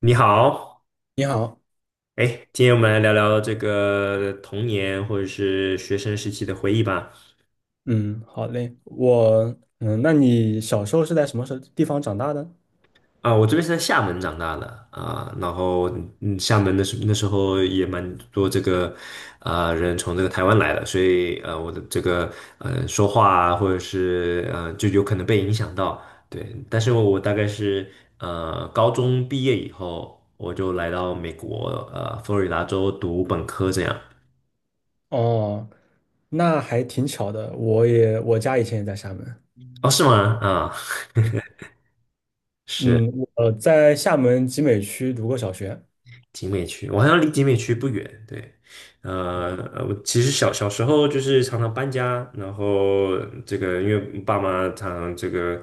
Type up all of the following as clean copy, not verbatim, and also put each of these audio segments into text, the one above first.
你好。你好，哎，今天我们来聊聊这个童年或者是学生时期的回忆吧。嗯，好嘞，那你小时候是在什么时候地方长大的？啊，我这边是在厦门长大的啊，然后厦门那时候也蛮多这个啊、人从这个台湾来的，所以我的这个说话啊，或者是就有可能被影响到。对，但是我大概是高中毕业以后，我就来到美国佛罗里达州读本科这样。哦，那还挺巧的，我家以前也在厦门，哦，是吗？啊。嗯，是。我在厦门集美区读过小学。集美区，我好像离集美区不远。对。我其实小时候就是常常搬家，然后这个因为爸妈常常这个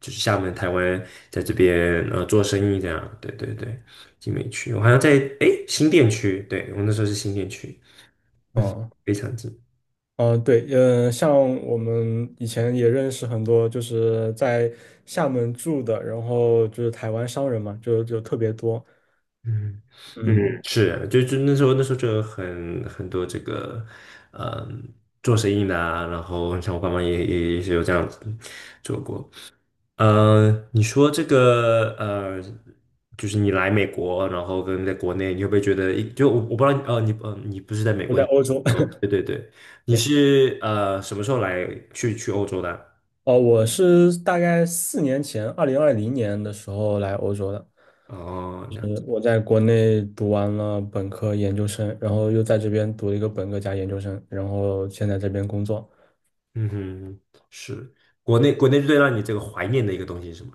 就是厦门、台湾在这边做生意这样。对对对，集美区，我好像在诶新店区，对我那时候是新店区，哦。非常近。哦，对，像我们以前也认识很多，就是在厦门住的，然后就是台湾商人嘛，就特别多。嗯嗯，嗯，是啊，就那时候就有很多这个。嗯，做生意的啊，然后像我爸妈也是有这样子做过。你说这个就是你来美国，然后跟在国内，你会不会觉得一，就我不知道，呃，你你不是在美我国，在你欧洲，哦，对对对，你对。是什么时候来去欧洲的？哦，我是大概4年前，2020年的时候来欧洲的。哦，就那是我在国内读完了本科、研究生，然后又在这边读了一个本科加研究生，然后现在这边工作。嗯哼，是国内国内最让你这个怀念的一个东西是什么？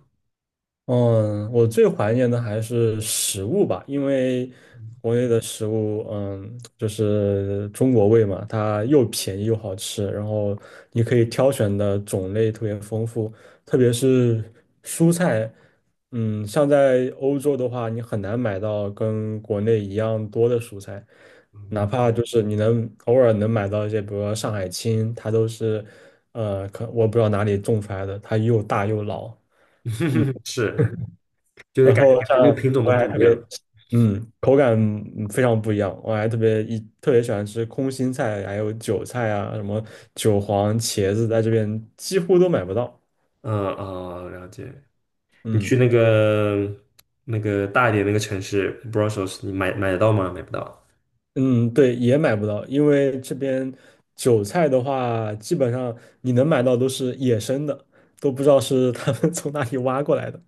嗯，我最怀念的还是食物吧，因为国内的食物，就是中国味嘛，它又便宜又好吃，然后你可以挑选的种类特别丰富，特别是蔬菜。像在欧洲的话，你很难买到跟国内一样多的蔬菜，哪怕就是你能偶尔能买到一些，比如说上海青，它都是，可我不知道哪里种出来的，它又大又老。是，就是然感感后像觉那个品种我都还不一特别，样了嗯，口感非常不一样。我还特别喜欢吃空心菜，还有韭菜啊，什么韭黄、茄子，在这边几乎都买不到。嗯哦，了解。你去嗯那个那个大一点那个城市 Brussels，你买得到吗？买不到。嗯，对，也买不到，因为这边韭菜的话，基本上你能买到都是野生的，都不知道是他们 从哪里挖过来的，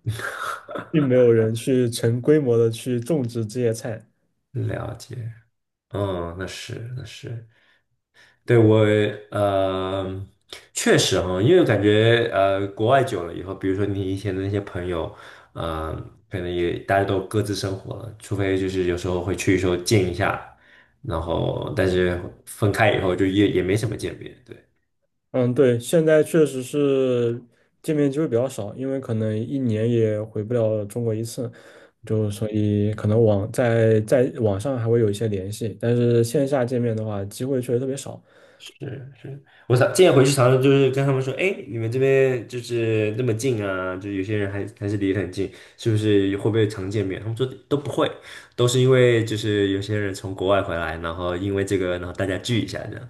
并没有人去成规模的去种植这些菜。了解。嗯，那是那是，对我呃，确实哈，因为感觉国外久了以后，比如说你以前的那些朋友，呃，可能也大家都各自生活了，除非就是有时候会去说见一下，然后但是分开以后就也没什么见面，对。嗯，对，现在确实是见面机会比较少，因为可能一年也回不了中国一次，就所以可能在网上还会有一些联系，但是线下见面的话，机会确实特别少。是是，我想，建议回去常常就是跟他们说，哎，你们这边就是那么近啊，就有些人还是离得很近，是不是会不会常见面？他们说都不会，都是因为就是有些人从国外回来，然后因为这个，然后大家聚一下这样，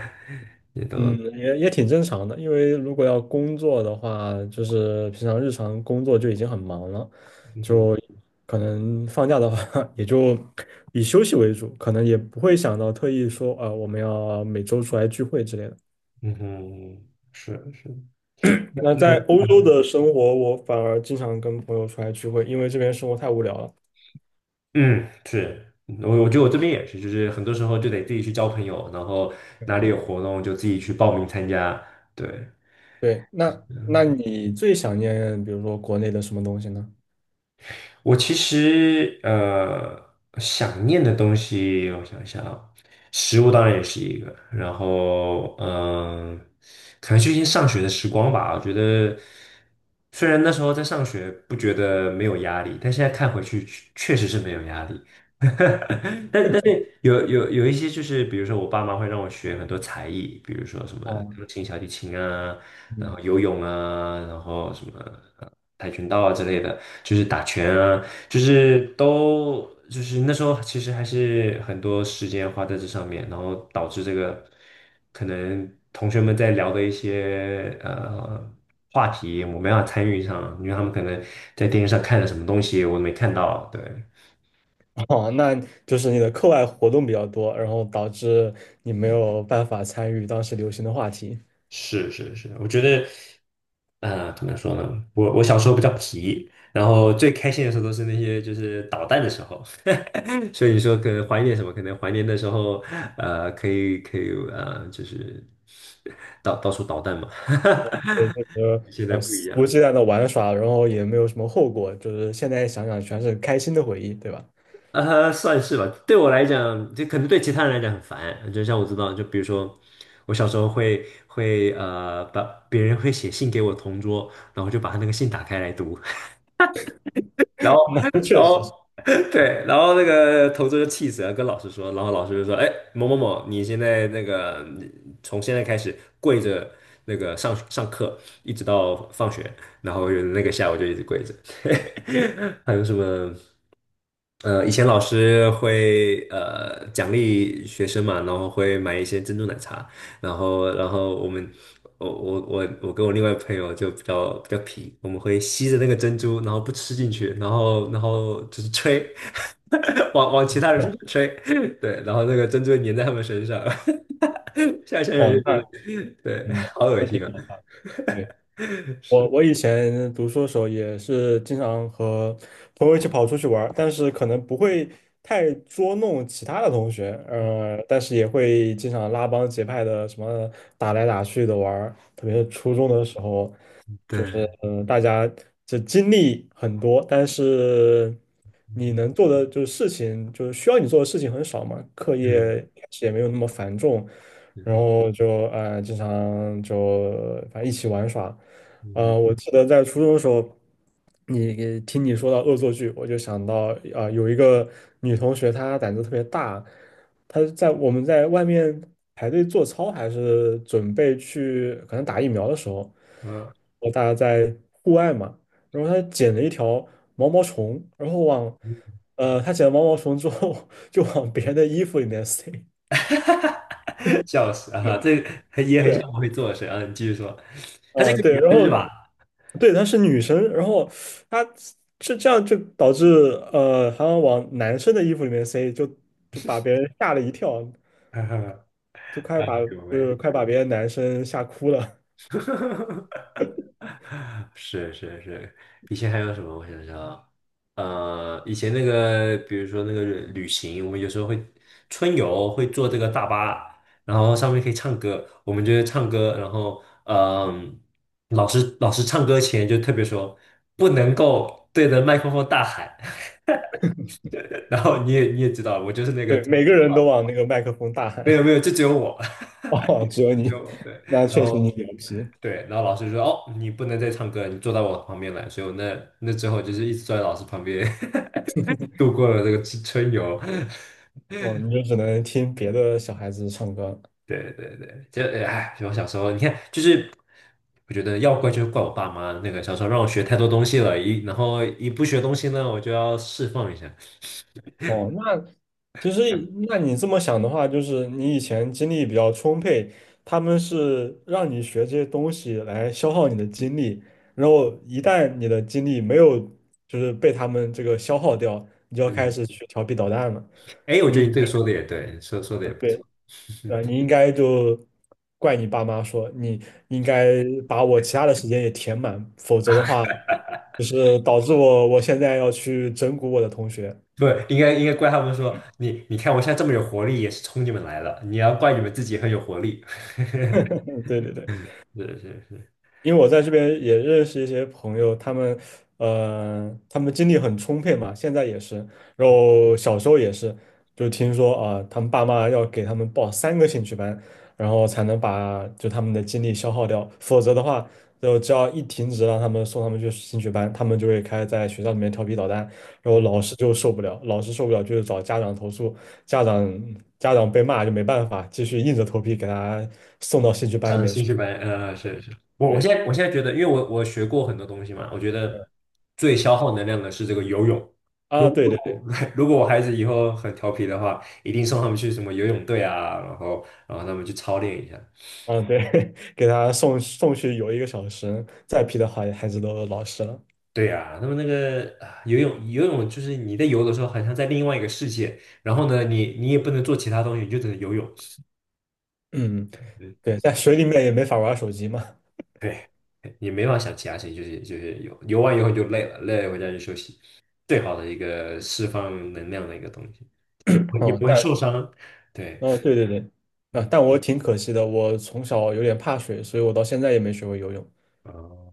也都嗯，也挺正常的，因为如果要工作的话，就是平常日常工作就已经很忙了，嗯哼就可能放假的话 也就以休息为主，可能也不会想到特意说啊，我们要每周出来聚会之类的。嗯哼，是是，那那在那欧洲的生活，我反而经常跟朋友出来聚会，因为这边生活太无聊了。嗯是。我觉得我这边也是，就是很多时候就得自己去交朋友，然后哪里有活动就自己去报名参加，对。对，那你最想念，比如说国内的什么东西呢？我其实想念的东西，我想想，啊，食物当然也是一个，然后嗯，可能最近上学的时光吧，我觉得虽然那时候在上学不觉得没有压力，但现在看回去确实是没有压力。有一些就是，比如说我爸妈会让我学很多才艺，比如说什么哦。钢琴、小提琴啊，然后嗯。游泳啊，然后什么呃跆拳道啊之类的，就是打拳啊，就是都就是那时候其实还是很多时间花在这上面，然后导致这个可能同学们在聊的一些话题，我没办法参与上，因为他们可能在电视上看了什么东西，我没看到，对。哦，那就是你的课外活动比较多，然后导致你没有办法参与当时流行的话题，是是是，我觉得，啊，怎么说呢？我小时候比较皮，然后最开心的时候都是那些就是捣蛋的时候，所以说可能怀念什么？可能怀念的时候，可以就是到处捣蛋嘛。所以就是 现在不一肆无样，忌惮的玩耍，然后也没有什么后果，就是现在想想全是开心的回忆，对吧？算是吧。对我来讲，就可能对其他人来讲很烦。就像我知道，就比如说我小时候会把别人会写信给我同桌，然后就把他那个信打开来读。然后，那 然确实后，是。对，然后那个同桌就气死了，跟老师说，然后老师就说：“哎，某某某，你现在那个从现在开始跪着那个上课，一直到放学，然后有那个下午就一直跪着。还有什么？以前老师会奖励学生嘛，然后会买一些珍珠奶茶，然后我们我跟我另外朋友就比较皮，我们会吸着那个珍珠，然后不吃进去，然后就是吹，往往其他人身上吹，对，然后那个珍珠粘在他们身上，现在想想就哦。觉得对，嗯，好恶那心挺啊，搞笑的。我以前读书的时候也是经常和朋友一起跑出去玩儿，但是可能不会太捉弄其他的同学，但是也会经常拉帮结派的什么打来打去的玩儿，特别是初中的时候，就对，是大家这经历很多，但是你嗯能做的就是事情，就是需要你做的事情很少嘛，课业嗯一开始也没有那么繁重，然嗯后就经常就反正一起玩耍。嗯我记得在初中的时候，你听你说到恶作剧，我就想到有一个女同学她胆子特别大。他在我们在外面排队做操，还是准备去可能打疫苗的时候，大家在户外嘛，然后他捡了一条毛毛虫，然后嗯，他捡了毛毛虫之后 就往别人的衣服里面塞。笑死啊，这个也很对。像我会做的事啊，你继续说，她是一啊、个对，女然生是后吧？对，她是女生，然后她是这样就导致好像往男生的衣服里面塞，就把别人吓了一跳，没就快把有就没有。是快把别的男生吓哭了。是是是，以前还有什么？我想想啊，以前那个，比如说那个旅行，我们有时候会春游，会坐这个大巴，然后上面可以唱歌，我们就会唱歌，然后嗯、老师唱歌前就特别说，不能够对着麦克风大喊，然后你也知道，我就是那个，对，每个人都啊往那个麦克风大没有喊。没有，就只有我，哦，只有 只你。有我对，那然确实后你牛皮。对，然后老师就说：“哦，你不能再唱歌了你坐到我旁边来。”所以我那那之后就是一直坐在老师旁边 度过了这个春游。哦，你就只能听别的小孩子唱歌。对对对，就哎，我小时候你看，就是我觉得要怪就怪我爸妈那个小时候让我学太多东西了，一然后一不学东西呢，我就要释放一下。哦。那其实那你这么想的话，就是你以前精力比较充沛，他们是让你学这些东西来消耗你的精力，然后一旦你的精力没有就是被他们这个消耗掉，你就要开嗯，始去调皮捣蛋了。哎，我觉得你。你这个说的也对，说的也不错。对，你应 该就怪你爸妈说，你应该把我其他的时间也填满，否则的话，就是导致我现在要去整蛊我的同学。不，应该怪他们说你，你看我现在这么有活力，也是冲你们来了。你要怪你们自己很有活力。嗯，对对对。是是是，因为我在这边也认识一些朋友，他们精力很充沛嘛，现在也是，然后小时候也是，就听说啊，他们爸妈要给他们报3个兴趣班，然后才能把就他们的精力消耗掉，否则的话，就只要一停止让他们送他们去兴趣班，他们就会开始在学校里面调皮捣蛋，然后老师就受不了，老师受不了就是找家长投诉，家长家长被骂就没办法，继续硬着头皮给他送到兴趣班里上面兴去。趣班，呃，是是，我我现对。在我现在觉得，因为我学过很多东西嘛，我觉得最消耗能量的是这个游泳。如啊，果对如对。果 如果我孩子以后很调皮的话，一定送他们去什么游泳队啊，然后他们去操练一下。嗯，对，给他送去游1个小时，再批的话孩子都老实了。对呀、他们那个啊游泳就是你在游的时候，好像在另外一个世界，然后呢，你你也不能做其他东西，你就只能游泳。嗯，对，在水里面也没法玩手机嘛。对，你没法想其他事情，就是游完以后你就累了，累了回家就休息，最好的一个释放能量的一个东西，也不会也嗯，不会但受伤。对，嗯，对对对。啊，嗯，但我挺可惜的，我从小有点怕水，所以我到现在也没学会游泳。哦，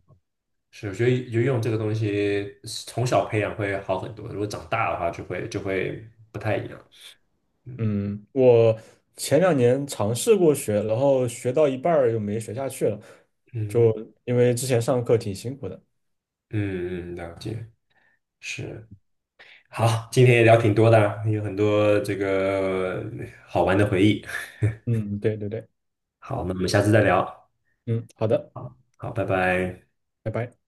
是，我觉得游泳这个东西从小培养会好很多，如果长大的话就会不太一样。嗯嗯，我前2年尝试过学，然后学到一半儿又没学下去了，嗯就因为之前上课挺辛苦的。嗯嗯，了解，是。好，今天也聊挺多的，有很多这个好玩的回忆。嗯，对对对。好，那好，我们下次再聊。嗯，好的。好，拜拜。拜拜。